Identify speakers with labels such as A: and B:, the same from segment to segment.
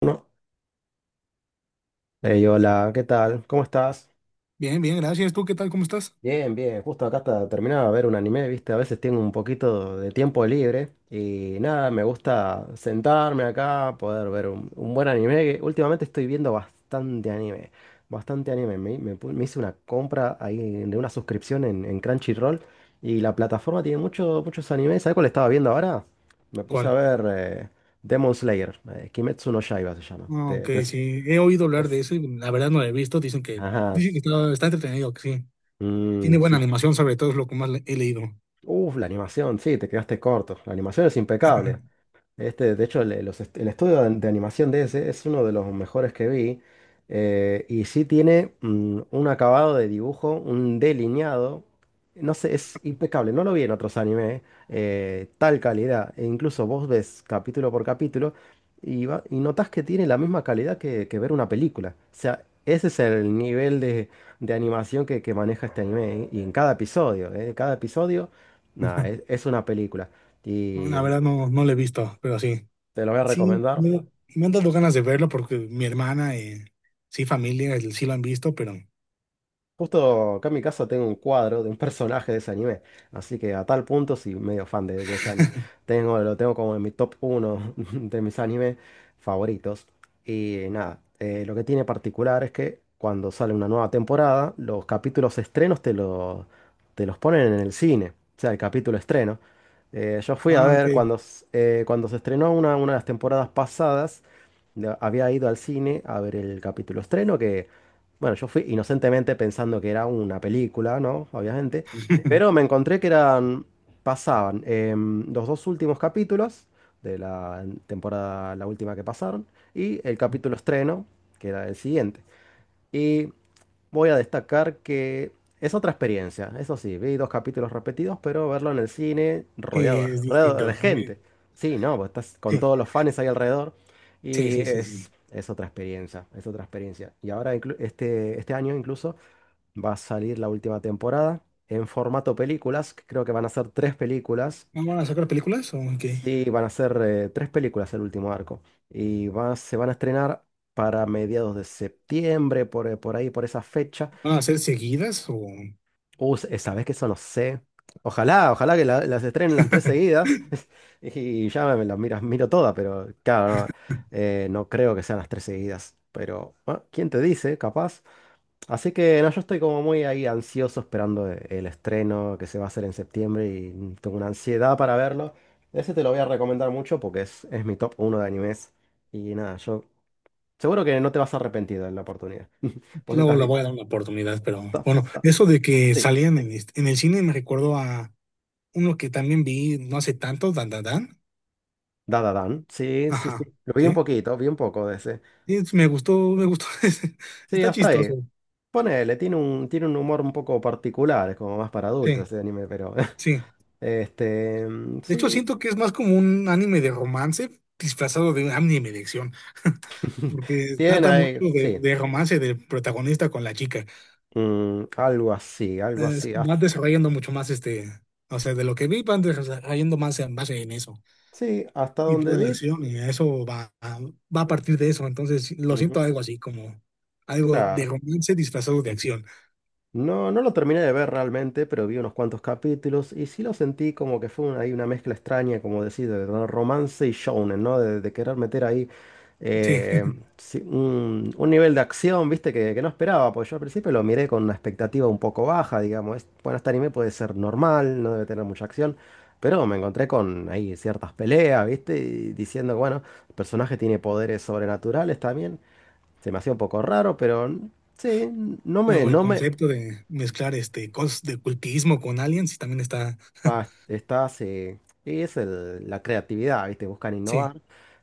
A: Uno. Ey, hola, ¿qué tal? ¿Cómo estás?
B: Bien, bien, gracias. ¿Tú qué tal? ¿Cómo estás?
A: Bien, bien. Justo acá está terminaba de ver un anime, ¿viste? A veces tengo un poquito de tiempo libre y nada, me gusta sentarme acá, poder ver un buen anime. Que Últimamente estoy viendo bastante anime, bastante anime. Me hice una compra ahí de una suscripción en Crunchyroll y la plataforma tiene muchos animes. ¿Sabes cuál estaba viendo ahora? Me puse a
B: ¿Cuál?
A: ver Demon Slayer, Kimetsu no Yaiba se llama.
B: Ah, OK, sí, he oído
A: Te-
B: hablar de eso y la verdad no lo he visto. Dicen que,
A: Ajá.
B: dicen que está entretenido, que sí. Tiene
A: Mm,
B: buena
A: sí.
B: animación, sobre todo es lo que más he leído.
A: Uf, la animación, sí, te quedaste corto. La animación es impecable. Este, de hecho, el estudio de animación de ese es uno de los mejores que vi. Y sí tiene un acabado de dibujo, un delineado. No sé, es impecable. No lo vi en otros animes, tal calidad. E incluso vos ves capítulo por capítulo y notás que tiene la misma calidad que ver una película. O sea, ese es el nivel de animación que maneja este anime. Y en cada episodio, nada, es una película. Y.
B: La verdad no, no lo he visto, pero sí.
A: Te lo voy a
B: Sí,
A: recomendar.
B: me han dado ganas de verlo porque mi hermana y sí, familia, sí lo han visto, pero...
A: Justo acá en mi casa tengo un cuadro de un personaje de ese anime. Así que a tal punto sí, medio fan de ese anime. Tengo, lo tengo como en mi top uno de mis animes favoritos. Y nada, lo que tiene particular es que cuando sale una nueva temporada, los capítulos estrenos te los ponen en el cine. O sea, el capítulo estreno. Yo fui a
B: Ah, OK.
A: ver cuando se estrenó una de las temporadas pasadas. Había ido al cine a ver el capítulo estreno que... Bueno, yo fui inocentemente pensando que era una película, ¿no? Obviamente. Pero me encontré que eran. Pasaban los dos últimos capítulos de la temporada, la última que pasaron, y el capítulo estreno, que era el siguiente. Y voy a destacar que es otra experiencia, eso sí, vi dos capítulos repetidos, pero verlo en el cine
B: Que es
A: rodeado de
B: distinto.
A: gente. Sí, no, vos estás con todos los fans ahí alrededor
B: Sí,
A: y
B: sí, sí, sí. sí.
A: es otra experiencia, es otra experiencia. Y ahora este año incluso va a salir la última temporada en formato películas, que creo que van a ser tres películas.
B: ¿No van a sacar películas o qué?
A: Sí, van a ser tres películas el último arco se van a estrenar para mediados de septiembre, por ahí, por esa fecha.
B: ¿Van a ser seguidas o...?
A: Sabes que eso no sé. Ojalá, ojalá las estrenen las tres seguidas y ya miro todas, pero claro, no, no creo que sean las tres seguidas. Pero, bueno, ¿quién te dice? Capaz. Así que no, yo estoy como muy ahí ansioso esperando el estreno que se va a hacer en septiembre y, tengo una ansiedad para verlo. Ese te lo voy a recomendar mucho porque es mi top uno de animes. Y nada, yo seguro que no te vas a arrepentir de la oportunidad. ¿Vos
B: Luego
A: estás
B: la
A: bien?
B: voy a dar una oportunidad, pero bueno, eso de que
A: Sí.
B: salían en, en el cine me recuerdo a uno que también vi no hace tanto, Dan Dan Dan.
A: Dada Dan. Sí, sí, sí.
B: Ajá,
A: Lo vi un
B: sí.
A: poquito, vi un poco de ese.
B: Y me gustó, me gustó. Ese.
A: Sí,
B: Está
A: hasta ahí.
B: chistoso.
A: Ponele, tiene un humor un poco particular, es como más para adultos
B: Sí,
A: ese anime, pero.
B: sí.
A: Este.
B: De hecho,
A: Sí.
B: siento que es más como un anime de romance disfrazado de un anime de acción, porque
A: Tiene
B: trata mucho
A: ahí,
B: de,
A: sí.
B: de romance del protagonista con la chica.
A: Algo así, algo así.
B: Van
A: Hasta,
B: desarrollando mucho más este, o sea, de lo que vi, van desarrollando más en eso.
A: sí, hasta
B: Y
A: donde
B: toda la
A: vi.
B: acción, y eso va a partir de eso. Entonces, sí, lo siento
A: Ujú,
B: algo así, como algo de
A: claro.
B: romance disfrazado de acción.
A: No, no lo terminé de ver realmente, pero vi unos cuantos capítulos y sí lo sentí como que fue ahí una mezcla extraña, como decir, de romance y shounen, ¿no? De querer meter ahí,
B: Sí.
A: eh, sí, un nivel de acción, ¿viste? Que no esperaba, porque yo al principio lo miré con una expectativa un poco baja, digamos. Bueno, este anime puede ser normal, no debe tener mucha acción, pero me encontré con ahí ciertas peleas, ¿viste? Y diciendo, bueno, el personaje tiene poderes sobrenaturales también. Se me hacía un poco raro, pero... Sí,
B: Luego el
A: no me
B: concepto de mezclar este cosas de cultismo con aliens y también está.
A: Ah, estás, y la creatividad, ¿viste? Buscan
B: Sí.
A: innovar.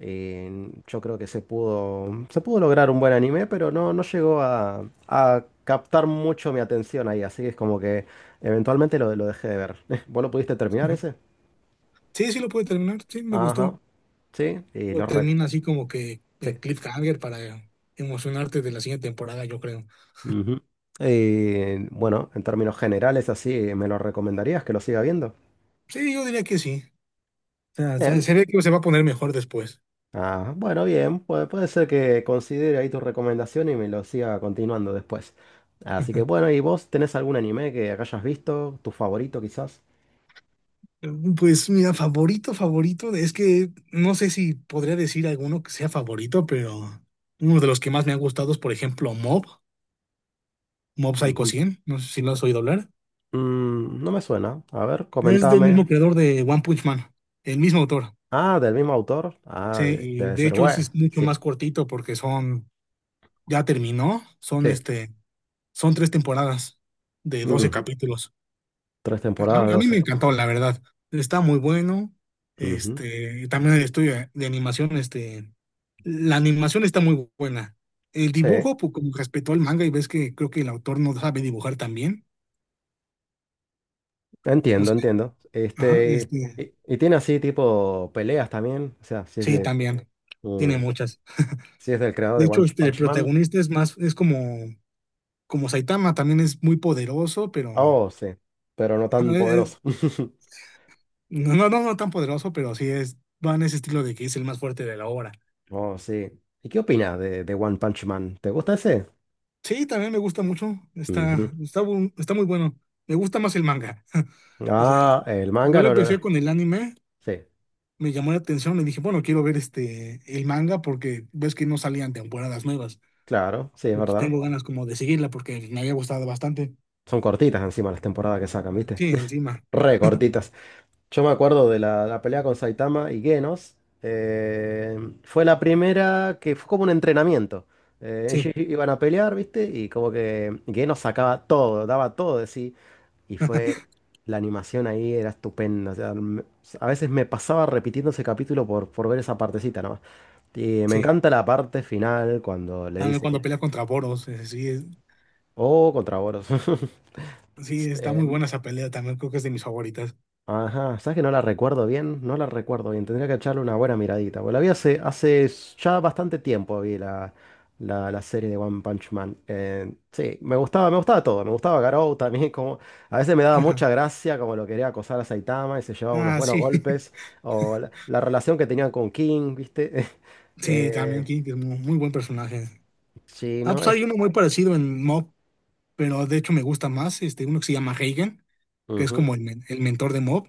A: Yo creo que se pudo lograr un buen anime, pero no, no llegó a captar mucho mi atención ahí, así que es como que eventualmente lo dejé de ver. ¿Vos lo pudiste terminar ese?
B: Sí, sí lo puede terminar. Sí, me
A: Ajá,
B: gustó.
A: sí,
B: Lo termina así como que
A: sí.
B: en cliffhanger para emocionarte de la siguiente temporada, yo creo.
A: Ujú. Bueno, en términos generales, así, ¿me lo recomendarías que lo siga viendo?
B: Sí, yo diría que sí. O sea, se,
A: Bien.
B: se ve que se va a poner mejor después.
A: Ah, bueno, bien, puede, puede ser que considere ahí tu recomendación y me lo siga continuando después. Así que bueno, ¿y vos tenés algún anime que hayas visto? ¿Tu favorito quizás?
B: Pues mira, favorito, favorito, es que no sé si podría decir alguno que sea favorito, pero uno de los que más me ha gustado es, por ejemplo, Mob Psycho
A: Ujú.
B: 100, no sé si lo has oído hablar.
A: Mm, no me suena. A ver,
B: Es del mismo
A: comentame.
B: creador de One Punch Man, el mismo autor.
A: Ah, del mismo autor. Ah,
B: Sí, y
A: debe
B: de
A: ser
B: hecho ese
A: bueno.
B: es mucho
A: Sí,
B: más cortito porque son
A: sí.
B: son tres temporadas de 12
A: Ujú.
B: capítulos.
A: Tres
B: A,
A: temporadas de
B: a mí me
A: 12.
B: encantó,
A: Sí.
B: la verdad. Está muy bueno.
A: Ujú.
B: Este, también el estudio de animación, este, la animación está muy buena. El
A: Sí,
B: dibujo, pues como respetó el manga y ves que creo que el autor no sabe dibujar también. O
A: entiendo,
B: sea,
A: entiendo.
B: ajá,
A: Este,
B: este,
A: y tiene así tipo peleas también. O sea, si es
B: sí,
A: de,
B: también.
A: mm,
B: Tiene muchas.
A: si es del creador
B: De
A: de One
B: hecho, este, el
A: Punch Man.
B: protagonista es más, es como Saitama, también es muy poderoso, pero
A: Oh, sí, pero no
B: ajá,
A: tan poderoso.
B: no, no, no, no tan poderoso, pero sí va en ese estilo de que es el más fuerte de la obra.
A: Oh, sí. ¿Y qué opinas de One Punch Man? ¿Te gusta ese?
B: Sí, también me gusta mucho.
A: Ujú.
B: Está muy bueno. Me gusta más el manga. O sea,
A: Ah, el
B: yo
A: manga
B: lo
A: no, no, no.
B: empecé con el anime,
A: Sí,
B: me llamó la atención y dije, bueno, quiero ver este el manga porque ves que no salían temporadas nuevas.
A: claro, sí, es
B: Y pues
A: verdad.
B: tengo ganas como de seguirla porque me había gustado bastante.
A: Son cortitas encima las temporadas que sacan, ¿viste?
B: Sí, encima.
A: Re cortitas. Yo me acuerdo de la, la pelea con Saitama y Genos. eh, Fue la primera que fue como un entrenamiento. Ellos
B: Sí,
A: iban a pelear, ¿viste? Y como que Genos sacaba todo, daba todo de sí. Y fue, la animación ahí era estupenda. O sea, a veces me pasaba repitiendo ese capítulo por ver esa partecita nomás. Y me
B: sí.
A: encanta la parte final cuando le
B: También
A: dice
B: cuando
A: que,
B: pelea contra Boros, sí,
A: oh, contra Boros.
B: sí, está muy buena esa pelea también, creo que es de mis favoritas.
A: Ajá, ¿sabes que no la recuerdo bien? No la recuerdo bien, tendría que echarle una buena miradita. Bueno, la vi hace, ya bastante tiempo, vi la, la, la serie de One Punch Man. Sí, me gustaba todo, me gustaba Garou también, como a veces me daba mucha gracia como lo quería acosar a Saitama y se llevaba unos
B: Ah,
A: buenos
B: sí.
A: golpes, o la relación que tenían con King, ¿viste?
B: Sí,
A: Eh,
B: también King, que es muy, muy buen personaje.
A: sí,
B: Ah,
A: ¿no?
B: pues
A: Es,
B: hay uno muy parecido en Mob, pero de hecho me gusta más, este, uno que se llama Reigen, que es
A: ujú,
B: como el mentor de Mob.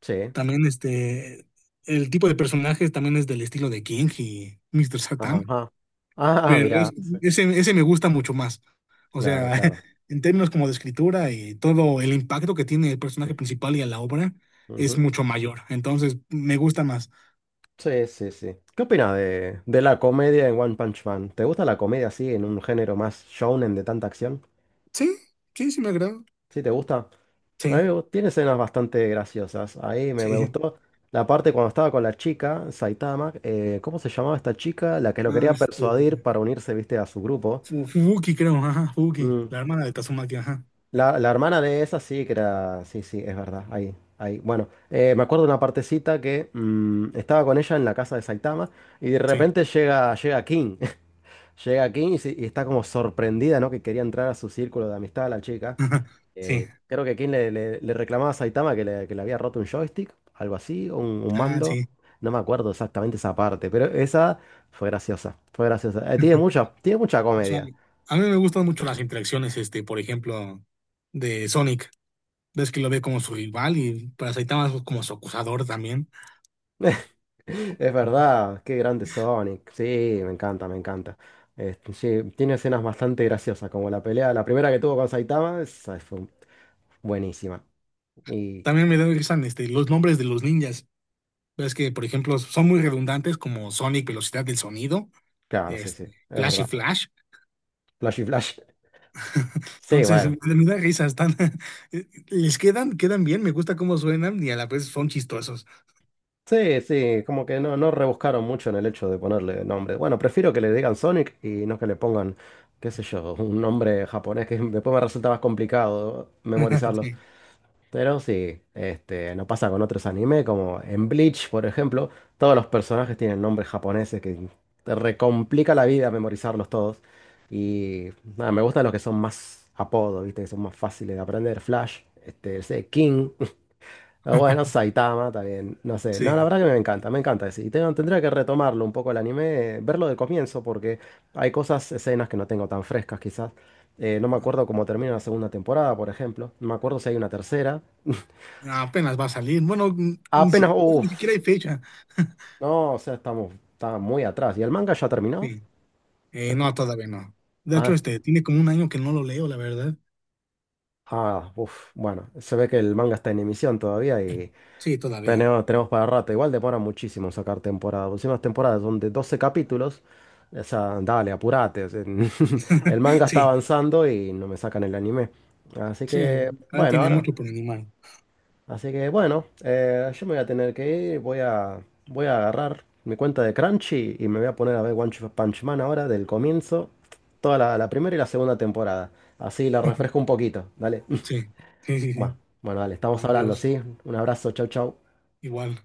A: sí,
B: También este, el tipo de personajes también es del estilo de King y Mr. Satan,
A: ajá. Ah,
B: pero
A: mirá, sí,
B: ese me gusta mucho más. O
A: claro,
B: sea,
A: claro.
B: en términos como de escritura y todo el impacto que tiene el personaje principal y a la obra es
A: Ujú.
B: mucho mayor. Entonces, me gusta más.
A: Sí, sí, sí. ¿Qué opinas de la comedia en One Punch Man? ¿Te gusta la comedia así, en un género más shonen de tanta acción?
B: Sí, sí, sí me agrada.
A: ¿Sí te gusta? A mí
B: Sí,
A: tiene escenas bastante graciosas. Ahí me
B: sí.
A: gustó la parte cuando estaba con la chica, Saitama. ¿Cómo se llamaba esta chica? La que lo
B: Ah,
A: quería
B: este,
A: persuadir para unirse, viste, a su grupo.
B: Fubuki creo, ajá, Fubuki,
A: Mm,
B: la hermana de Tazumaki, ajá.
A: la hermana de esa sí que era... Sí, sí, es verdad. Ahí, ahí. Bueno, me acuerdo de una partecita que, estaba con ella en la casa de Saitama. Y de
B: Sí.
A: repente llega, llega King. Llega aquí y, y está como sorprendida, ¿no? Que quería entrar a su círculo de amistad la chica.
B: Ajá, sí.
A: Creo que King le reclamaba a Saitama que le había roto un joystick, algo así, o un
B: Ah,
A: mando.
B: sí.
A: No me acuerdo exactamente esa parte, pero esa fue graciosa. Fue graciosa. Tiene mucha, tiene mucha
B: O
A: comedia.
B: a mí me gustan mucho las interacciones, este, por ejemplo, de Sonic. Ves que lo ve como su rival y para Saitama es como su acusador también.
A: Es verdad, qué grande Sonic. Sí, me encanta, me encanta. Este, sí, tiene escenas bastante graciosas, como la pelea, la primera que tuvo con Saitama, esa fue buenísima. Y
B: También me gustan este, los nombres de los ninjas. Ves que, por ejemplo, son muy redundantes como Sonic, velocidad del sonido,
A: claro, sí, sí, es
B: este, Flash y
A: verdad.
B: Flash.
A: Flashy Flash. Sí,
B: Entonces,
A: bueno.
B: me da risa, están, les quedan bien, me gusta cómo suenan y a la vez son chistosos.
A: Sí, sí, como que no, no rebuscaron mucho en el hecho de ponerle nombre. Bueno, prefiero que le digan Sonic y no que le pongan, qué sé yo, un nombre japonés que después me resulta más complicado memorizarlos.
B: Sí.
A: Pero sí, este, no pasa con otros anime, como en Bleach, por ejemplo, todos los personajes tienen nombres japoneses que te recomplica la vida memorizarlos todos. Y nada, me gustan los que son más apodos, ¿viste? Que son más fáciles de aprender. Flash, este, ese King. Ah, bueno, Saitama también, no sé.
B: Sí.
A: No, la verdad que me encanta ese. Y tendría que retomarlo un poco el anime, verlo del comienzo, porque hay cosas, escenas que no tengo tan frescas quizás. No me acuerdo cómo termina la segunda temporada, por ejemplo. No me acuerdo si hay una tercera.
B: Apenas va a salir. Bueno,
A: Apenas,
B: ni siquiera
A: uff.
B: hay fecha.
A: No, o sea, estamos, está muy atrás. ¿Y el manga ya terminó?
B: Sí.
A: Ya está.
B: No, todavía no. De hecho,
A: Ah,
B: este, tiene como un año que no lo leo, la verdad.
A: ah, uff. Bueno, se ve que el manga está en emisión todavía y.
B: Sí, todavía.
A: Tenemos, tenemos para rato. Igual demora muchísimo sacar temporada. Últimas temporadas son de 12 capítulos. O sea, dale, apurate. O sea, el manga está
B: Sí,
A: avanzando y no me sacan el anime. Así
B: sí,
A: que,
B: ahora
A: bueno,
B: tiene
A: ahora.
B: mucho por animal.
A: Así que, bueno, yo me voy a tener que ir. Voy a, voy a agarrar mi cuenta de Crunchy y me voy a poner a ver One Punch Man ahora, del comienzo. Toda la, la primera y la segunda temporada. Así la refresco un poquito. Dale.
B: Sí, sí, sí,
A: Bueno,
B: sí.
A: bueno, dale, estamos hablando,
B: Adiós,
A: ¿sí? Un abrazo, chau, chau.
B: igual.